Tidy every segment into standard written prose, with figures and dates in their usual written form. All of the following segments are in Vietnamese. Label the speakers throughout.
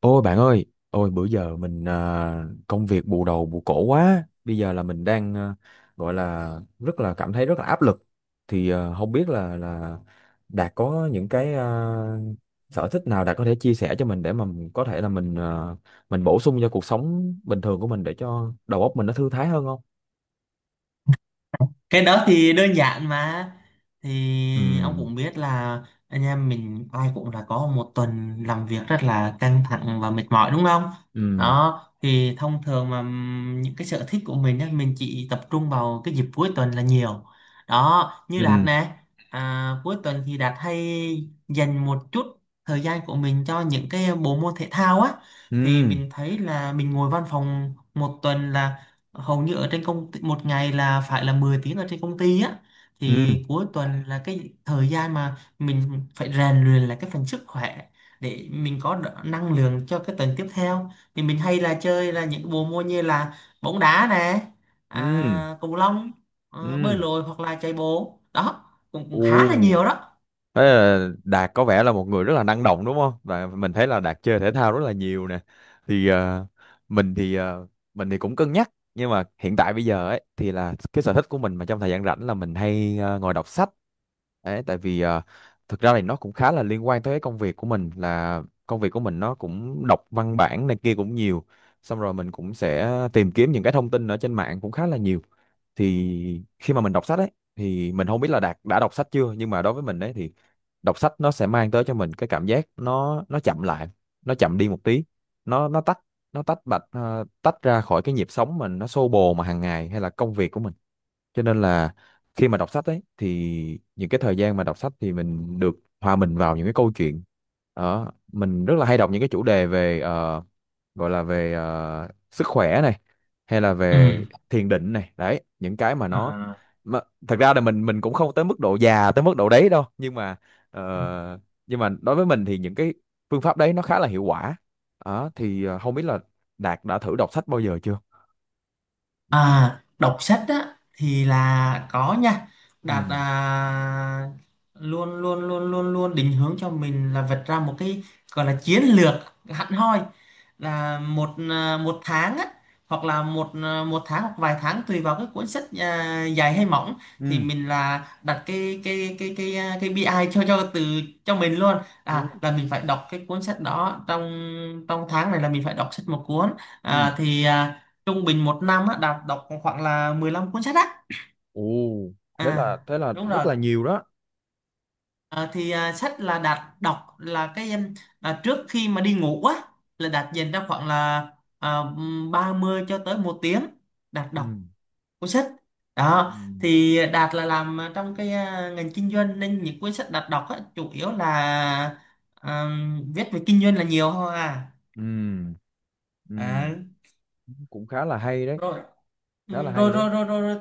Speaker 1: Ôi bạn ơi, ôi bữa giờ mình công việc bù đầu bù cổ quá. Bây giờ là mình đang gọi là rất là cảm thấy rất là áp lực. Không biết là Đạt có những cái sở thích nào Đạt có thể chia sẻ cho mình để mà mình có thể là mình bổ sung cho cuộc sống bình thường của mình để cho đầu óc mình nó thư thái hơn không?
Speaker 2: Cái đó thì đơn giản mà.
Speaker 1: Ừ,
Speaker 2: Thì ông cũng biết là anh em mình ai cũng là có một tuần làm việc rất là căng thẳng và mệt mỏi, đúng không?
Speaker 1: ừ,
Speaker 2: Đó thì thông thường mà những cái sở thích của mình á, mình chỉ tập trung vào cái dịp cuối tuần là nhiều. Đó như Đạt
Speaker 1: ừ,
Speaker 2: nè. Cuối tuần thì Đạt hay dành một chút thời gian của mình cho những cái bộ môn thể thao á. Thì
Speaker 1: ừ,
Speaker 2: mình thấy là mình ngồi văn phòng một tuần là hầu như ở trên công ty, một ngày là phải là 10 tiếng ở trên công ty á.
Speaker 1: ừ,
Speaker 2: Thì cuối tuần là cái thời gian mà mình phải rèn luyện là cái phần sức khỏe, để mình có năng lượng cho cái tuần tiếp theo. Thì mình hay là chơi là những bộ môn như là bóng đá nè,
Speaker 1: ừ,
Speaker 2: cầu lông, bơi
Speaker 1: ừ.
Speaker 2: lội hoặc là chạy bộ đó. cũng,
Speaker 1: Ồ.
Speaker 2: cũng khá là nhiều đó.
Speaker 1: Thế là Đạt có vẻ là một người rất là năng động đúng không? Và mình thấy là Đạt chơi thể thao rất là nhiều nè. Thì ờ, mình thì ờ, mình thì cũng cân nhắc nhưng mà hiện tại bây giờ ấy thì là cái sở thích của mình mà trong thời gian rảnh là mình hay ngồi đọc sách. Đấy, tại vì thực ra thì nó cũng khá là liên quan tới cái công việc của mình là công việc của mình nó cũng đọc văn bản này kia cũng nhiều. Xong rồi mình cũng sẽ tìm kiếm những cái thông tin ở trên mạng cũng khá là nhiều. Thì khi mà mình đọc sách ấy thì mình không biết là Đạt đã đọc sách chưa nhưng mà đối với mình đấy thì đọc sách nó sẽ mang tới cho mình cái cảm giác nó chậm lại, nó chậm đi một tí, nó nó tách nó tách bạch, tách ra khỏi cái nhịp sống mình nó xô bồ mà hàng ngày hay là công việc của mình. Cho nên là khi mà đọc sách ấy thì những cái thời gian mà đọc sách thì mình được hòa mình vào những cái câu chuyện đó. Mình rất là hay đọc những cái chủ đề về gọi là về sức khỏe này hay là
Speaker 2: Ừ.
Speaker 1: về thiền định này đấy, những cái mà
Speaker 2: À.
Speaker 1: mà, thật ra là mình cũng không tới mức độ già tới mức độ đấy đâu nhưng mà ờ, nhưng mà đối với mình thì những cái phương pháp đấy nó khá là hiệu quả. Đó không biết là Đạt đã thử đọc sách bao giờ chưa.
Speaker 2: À, đọc sách á thì là có nha. Đạt à,
Speaker 1: Ừ,
Speaker 2: luôn luôn luôn luôn luôn định hướng cho mình là vạch ra một cái gọi là chiến lược hẳn hoi, là một tháng á, hoặc là một tháng hoặc vài tháng tùy vào cái cuốn sách à, dài hay mỏng. Thì
Speaker 1: ừ,
Speaker 2: mình là đặt cái BI ai cho mình luôn, à
Speaker 1: ừ,
Speaker 2: là mình phải đọc cái cuốn sách đó trong trong tháng này là mình phải đọc sách một cuốn.
Speaker 1: ừ.
Speaker 2: à, thì à, Trung bình một năm á, Đạt đọc khoảng là 15 cuốn sách á,
Speaker 1: Ồ,
Speaker 2: à.
Speaker 1: thế là
Speaker 2: Đúng
Speaker 1: rất
Speaker 2: rồi.
Speaker 1: là nhiều đó.
Speaker 2: Sách là Đạt đọc là trước khi mà đi ngủ á, là Đạt dành ra khoảng là à, 30 cho tới một tiếng, Đạt
Speaker 1: Ừ,
Speaker 2: đọc cuốn sách đó.
Speaker 1: ừ,
Speaker 2: Thì Đạt là làm trong cái ngành kinh doanh, nên những cuốn sách Đạt đọc á, chủ yếu là à, viết về kinh doanh là nhiều thôi à.
Speaker 1: ừ, ừ.
Speaker 2: À,
Speaker 1: Cũng khá là hay đấy.
Speaker 2: rồi.
Speaker 1: Khá là
Speaker 2: Ừ, rồi
Speaker 1: hay đấy.
Speaker 2: rồi rồi rồi rồi.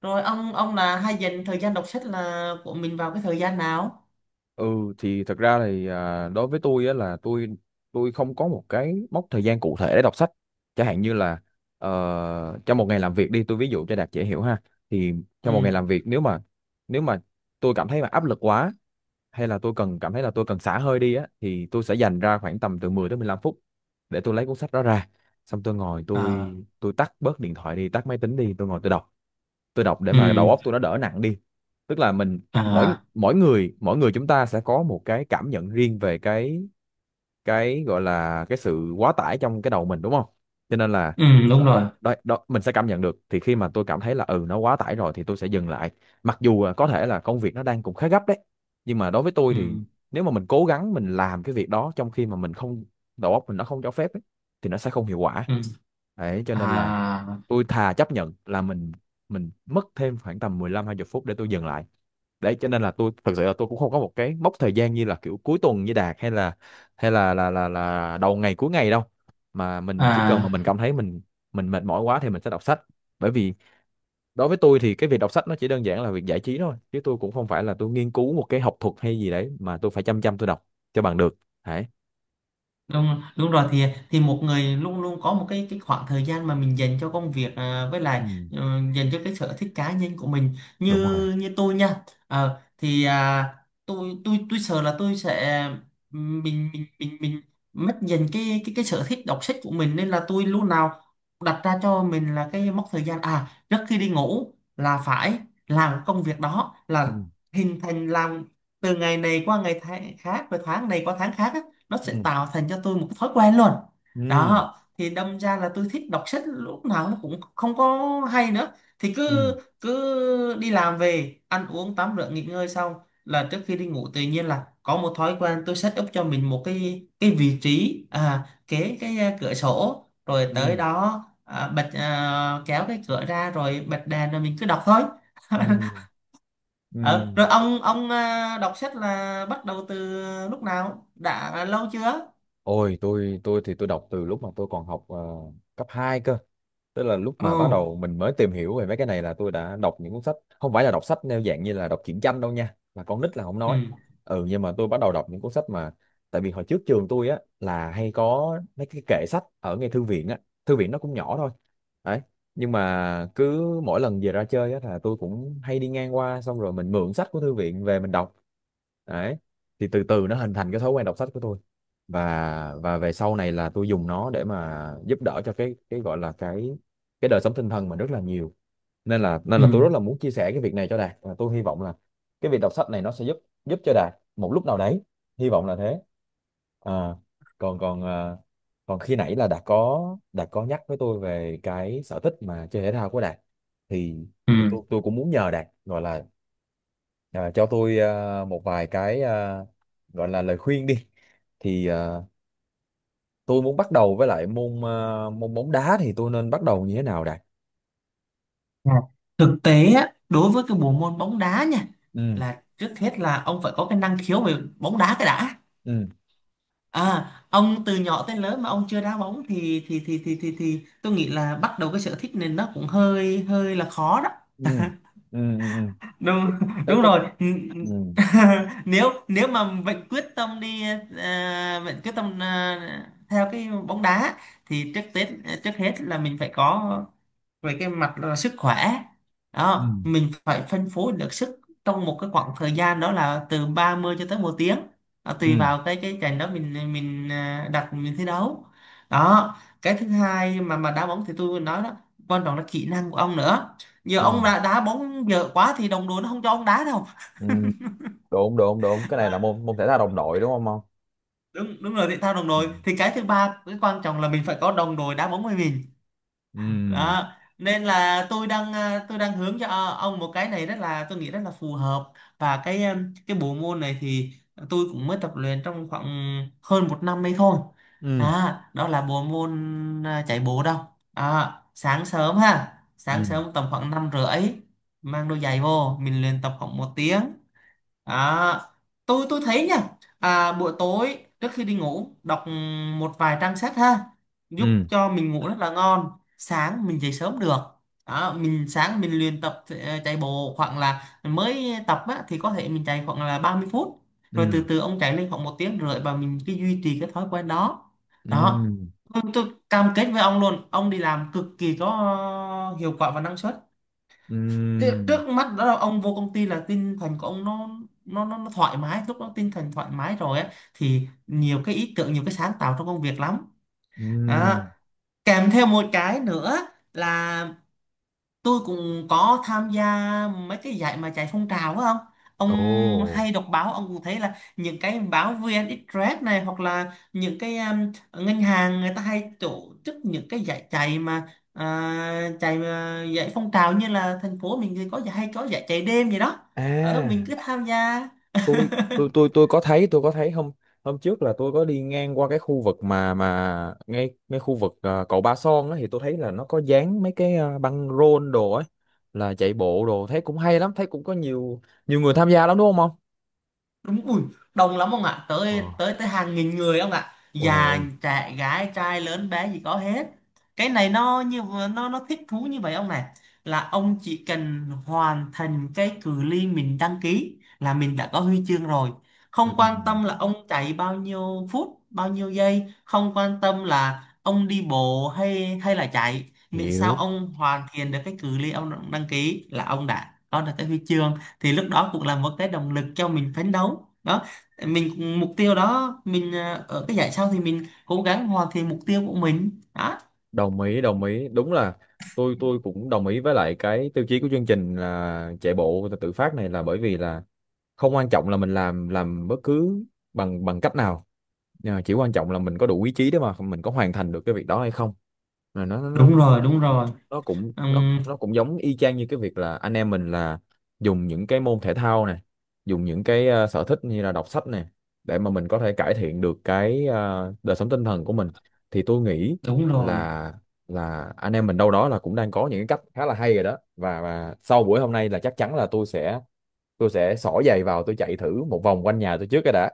Speaker 2: Rồi ông là hay dành thời gian đọc sách là của mình vào cái thời gian nào?
Speaker 1: Ừ, thì thật ra thì đối với tôi á là tôi không có một cái mốc thời gian cụ thể để đọc sách. Chẳng hạn như là trong một ngày làm việc đi, tôi ví dụ cho Đạt dễ hiểu ha. Thì
Speaker 2: Ừ.
Speaker 1: trong một ngày làm việc nếu mà tôi cảm thấy mà áp lực quá hay là tôi cần cảm thấy là tôi cần xả hơi đi á, thì tôi sẽ dành ra khoảng tầm từ 10 tới 15 phút để tôi lấy cuốn sách đó ra. Xong tôi ngồi, tôi
Speaker 2: À.
Speaker 1: tôi tắt bớt điện thoại đi, tắt máy tính đi, tôi ngồi tôi đọc để mà
Speaker 2: Ừ.
Speaker 1: đầu óc tôi nó đỡ nặng đi. Tức là mình mỗi
Speaker 2: À.
Speaker 1: mỗi người chúng ta sẽ có một cái cảm nhận riêng về cái gọi là cái sự quá tải trong cái đầu mình đúng không. Cho nên là
Speaker 2: Ừ. Đúng
Speaker 1: đó, đó,
Speaker 2: rồi.
Speaker 1: đó, đó, mình sẽ cảm nhận được thì khi mà tôi cảm thấy là ừ nó quá tải rồi thì tôi sẽ dừng lại, mặc dù là có thể là công việc nó đang cũng khá gấp đấy, nhưng mà đối với tôi thì
Speaker 2: Ừ.
Speaker 1: nếu mà mình cố gắng mình làm cái việc đó trong khi mà mình không đầu óc mình nó không cho phép ấy, thì nó sẽ không hiệu quả.
Speaker 2: Ừ.
Speaker 1: Đấy cho
Speaker 2: À.
Speaker 1: nên là tôi thà chấp nhận là mình mất thêm khoảng tầm mười lăm hai mươi phút để tôi dừng lại. Đấy cho nên là tôi thật sự là tôi cũng không có một cái mốc thời gian như là kiểu cuối tuần như Đạt, hay là đầu ngày cuối ngày đâu, mà mình chỉ cần mà
Speaker 2: À.
Speaker 1: mình cảm thấy mình mệt mỏi quá thì mình sẽ đọc sách. Bởi vì đối với tôi thì cái việc đọc sách nó chỉ đơn giản là việc giải trí thôi, chứ tôi cũng không phải là tôi nghiên cứu một cái học thuật hay gì đấy mà tôi phải chăm chăm tôi đọc cho bằng được. Đấy.
Speaker 2: Đúng, đúng rồi. Thì một người luôn luôn có một cái khoảng thời gian mà mình dành cho công việc à, với lại
Speaker 1: Ừ,
Speaker 2: dành cho cái sở thích cá nhân của mình, như
Speaker 1: đúng rồi.
Speaker 2: như tôi nha. Ờ, thì à, tôi sợ là tôi sẽ mình mất dần cái sở thích đọc sách của mình, nên là tôi lúc nào đặt ra cho mình là cái mốc thời gian, trước khi đi ngủ là phải làm công việc đó,
Speaker 1: Ừ,
Speaker 2: là hình thành làm từ ngày này qua ngày khác, rồi tháng này qua tháng khác á, nó
Speaker 1: ừ,
Speaker 2: sẽ tạo thành cho tôi một thói quen luôn.
Speaker 1: ừ,
Speaker 2: Đó thì đâm ra là tôi thích đọc sách lúc nào nó cũng không có hay nữa. Thì
Speaker 1: ừ,
Speaker 2: cứ cứ đi làm về, ăn uống, tắm rửa, nghỉ ngơi xong là trước khi đi ngủ tự nhiên là có một thói quen. Tôi set up cho mình một cái vị trí kế cái cửa sổ, rồi tới
Speaker 1: ừ,
Speaker 2: đó kéo cái cửa ra rồi bật đèn rồi mình cứ đọc thôi.
Speaker 1: ừ, ừ.
Speaker 2: Ờ, Rồi ông đọc sách là bắt đầu từ lúc nào, đã lâu chưa?
Speaker 1: Ôi, tôi thì tôi đọc từ lúc mà tôi còn học cấp 2 cơ. Tức là lúc mà bắt
Speaker 2: Ồ.
Speaker 1: đầu mình mới tìm hiểu về mấy cái này là tôi đã đọc những cuốn sách, không phải là đọc sách theo dạng như là đọc truyện tranh đâu nha, là con nít là không
Speaker 2: Ừ.
Speaker 1: nói. Ừ, nhưng mà tôi bắt đầu đọc những cuốn sách mà tại vì hồi trước trường tôi á là hay có mấy cái kệ sách ở ngay thư viện á, thư viện nó cũng nhỏ thôi. Đấy. Nhưng mà cứ mỗi lần về ra chơi á là tôi cũng hay đi ngang qua, xong rồi mình mượn sách của thư viện về mình đọc. Đấy. Thì từ từ nó hình thành cái thói quen đọc sách của tôi, và về sau này là tôi dùng nó để mà giúp đỡ cho cái gọi là cái đời sống tinh thần mình rất là nhiều, nên là nên
Speaker 2: Ừ.
Speaker 1: là tôi rất là muốn chia sẻ cái việc này cho Đạt và tôi hy vọng là cái việc đọc sách này nó sẽ giúp, giúp cho Đạt một lúc nào đấy, hy vọng là thế. à, còn còn à, còn khi nãy là Đạt có nhắc với tôi về cái sở thích mà chơi thể thao của Đạt, thì thì tôi
Speaker 2: Ừ.
Speaker 1: tôi cũng muốn nhờ Đạt gọi là cho tôi một vài gọi là lời khuyên đi. thì à, tôi muốn bắt đầu với lại môn môn bóng đá thì tôi nên bắt đầu như thế nào đây?
Speaker 2: Dạ. Thực tế á, đối với cái bộ môn bóng đá nha,
Speaker 1: Ừ,
Speaker 2: là trước hết là ông phải có cái năng khiếu về bóng đá cái đã.
Speaker 1: ừ,
Speaker 2: À, ông từ nhỏ tới lớn mà ông chưa đá bóng thì tôi nghĩ là bắt đầu cái sở thích này nó cũng hơi hơi là khó đó.
Speaker 1: ừ, ừ, ừ, ừ.
Speaker 2: Đúng,
Speaker 1: Thế
Speaker 2: đúng
Speaker 1: tức
Speaker 2: rồi.
Speaker 1: ừ,
Speaker 2: Nếu nếu mà vẫn quyết tâm đi à, vẫn quyết tâm à, theo cái bóng đá, thì trước hết là mình phải có về cái mặt là sức khỏe,
Speaker 1: ừ,
Speaker 2: đó mình phải phân phối được sức trong một cái khoảng thời gian, đó là từ 30 cho tới một tiếng đó, tùy
Speaker 1: ừ,
Speaker 2: vào cái trận đó mình đặt mình thi đấu đó. Cái thứ hai mà đá bóng thì tôi nói đó, quan trọng là kỹ năng của ông nữa. Giờ ông
Speaker 1: ừ,
Speaker 2: đã đá bóng dở quá thì đồng đội nó không cho ông đá đâu.
Speaker 1: ừ. Đúng, đúng, đúng. Cái này là môn môn thể thao đồng đội đúng không ông?
Speaker 2: Đúng, đúng rồi, thể thao đồng
Speaker 1: Ừ,
Speaker 2: đội. Thì cái thứ ba, cái quan trọng là mình phải có đồng đội đá bóng với mình
Speaker 1: ừ,
Speaker 2: đó. Nên là tôi đang hướng cho ông một cái này, rất là tôi nghĩ rất là phù hợp. Và cái bộ môn này thì tôi cũng mới tập luyện trong khoảng hơn một năm ấy thôi.
Speaker 1: ừ,
Speaker 2: Đó là bộ môn chạy bộ đâu. Sáng
Speaker 1: ừ,
Speaker 2: sớm tầm khoảng 5 rưỡi, mang đôi giày vô mình luyện tập khoảng một tiếng. À, tôi thấy nha, buổi tối trước khi đi ngủ đọc một vài trang sách ha, giúp
Speaker 1: ừ,
Speaker 2: cho mình ngủ rất là ngon. Sáng mình dậy sớm được. Mình sáng mình luyện tập, chạy bộ khoảng là mới tập á, thì có thể mình chạy khoảng là 30 phút. Rồi
Speaker 1: ừ,
Speaker 2: từ từ ông chạy lên khoảng một tiếng rưỡi, và mình cứ duy trì cái thói quen đó. Đó.
Speaker 1: ừ,
Speaker 2: Tôi cam kết với ông luôn, ông đi làm cực kỳ có hiệu quả và năng suất. Thế
Speaker 1: ừ,
Speaker 2: trước mắt đó là ông vô công ty là tinh thần của ông nó thoải mái. Lúc đó tinh thần thoải mái rồi á, thì nhiều cái ý tưởng, nhiều cái sáng tạo trong công việc lắm. Đó,
Speaker 1: ừ.
Speaker 2: kèm theo một cái nữa là tôi cũng có tham gia mấy cái giải mà chạy phong trào á, không? Ông
Speaker 1: Ồ,
Speaker 2: hay đọc báo ông cũng thấy là những cái báo VN Express này, hoặc là những cái ngân hàng người ta hay tổ chức những cái giải chạy mà giải phong trào, như là thành phố mình thì có giải, hay có giải chạy đêm gì đó, ở mình
Speaker 1: à.
Speaker 2: cứ tham gia.
Speaker 1: tôi tôi có thấy, tôi có thấy hôm hôm trước là tôi có đi ngang qua cái khu vực mà ngay ngay khu vực cầu Ba Son á, thì tôi thấy là nó có dán mấy cái băng rôn đồ ấy, là chạy bộ đồ, thấy cũng hay lắm, thấy cũng có nhiều, nhiều người tham gia lắm đúng không không
Speaker 2: Đúng ui, đông lắm ông ạ,
Speaker 1: Ờ.
Speaker 2: tới tới tới hàng nghìn người ông ạ,
Speaker 1: Ôi trời
Speaker 2: già
Speaker 1: ơi.
Speaker 2: trẻ gái trai lớn bé gì có hết. Cái này nó thích thú như vậy ông này, là ông chỉ cần hoàn thành cái cự ly mình đăng ký là mình đã có huy chương rồi.
Speaker 1: Ừ,
Speaker 2: Không quan tâm là ông chạy bao nhiêu phút bao nhiêu giây, không quan tâm là ông đi bộ hay hay là chạy, miễn sao
Speaker 1: hiểu.
Speaker 2: ông hoàn thiện được cái cự ly ông đăng ký là ông đã có được cái huy chương. Thì lúc đó cũng là một cái động lực cho mình phấn đấu đó. Mình mục tiêu đó, mình ở cái giải sau thì mình cố gắng hoàn thiện mục tiêu của mình đó.
Speaker 1: Đồng ý, đồng ý, đúng là tôi cũng đồng ý với lại cái tiêu chí của chương trình là chạy bộ tự phát này, là bởi vì là không quan trọng là mình làm bất cứ bằng bằng cách nào. Nhưng mà chỉ quan trọng là mình có đủ ý chí để mà mình có hoàn thành được cái việc đó hay không. Là nó nó
Speaker 2: Đúng rồi, đúng rồi.
Speaker 1: nó cũng nó
Speaker 2: Ừm,
Speaker 1: nó cũng giống y chang như cái việc là anh em mình là dùng những cái môn thể thao này, dùng những cái sở thích như là đọc sách này, để mà mình có thể cải thiện được cái đời sống tinh thần của mình, thì tôi nghĩ
Speaker 2: đúng rồi.
Speaker 1: là là anh em mình đâu đó là cũng đang có những cái cách khá là hay rồi đó. Và sau buổi hôm nay là chắc chắn là tôi sẽ xỏ giày vào tôi chạy thử một vòng quanh nhà tôi trước cái đã,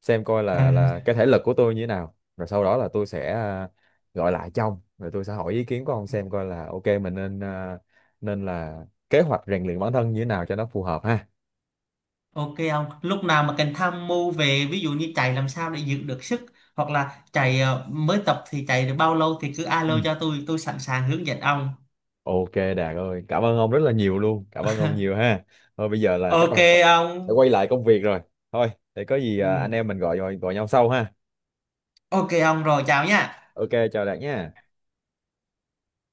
Speaker 1: xem coi
Speaker 2: à,
Speaker 1: là cái thể lực của tôi như thế nào, rồi sau đó là tôi sẽ gọi lại cho ông rồi tôi sẽ hỏi ý kiến của ông xem coi là ok mình nên nên là kế hoạch rèn luyện bản thân như thế nào cho nó phù hợp ha.
Speaker 2: ok. Ông lúc nào mà cần tham mưu, về ví dụ như chạy làm sao để giữ được sức, hoặc là chạy mới tập thì chạy được bao lâu, thì cứ
Speaker 1: Ừ.
Speaker 2: alo cho tôi sẵn sàng hướng dẫn ông.
Speaker 1: Ok, Đạt ơi, cảm ơn ông rất là nhiều luôn, cảm ơn ông nhiều ha. Thôi bây giờ là chắc
Speaker 2: Ok
Speaker 1: là phải phải
Speaker 2: ông.
Speaker 1: quay lại công việc rồi, thôi để có gì anh
Speaker 2: Ừm,
Speaker 1: em mình gọi gọi, gọi nhau sau ha.
Speaker 2: ok ông, rồi chào nha.
Speaker 1: Ok, chào Đạt nha.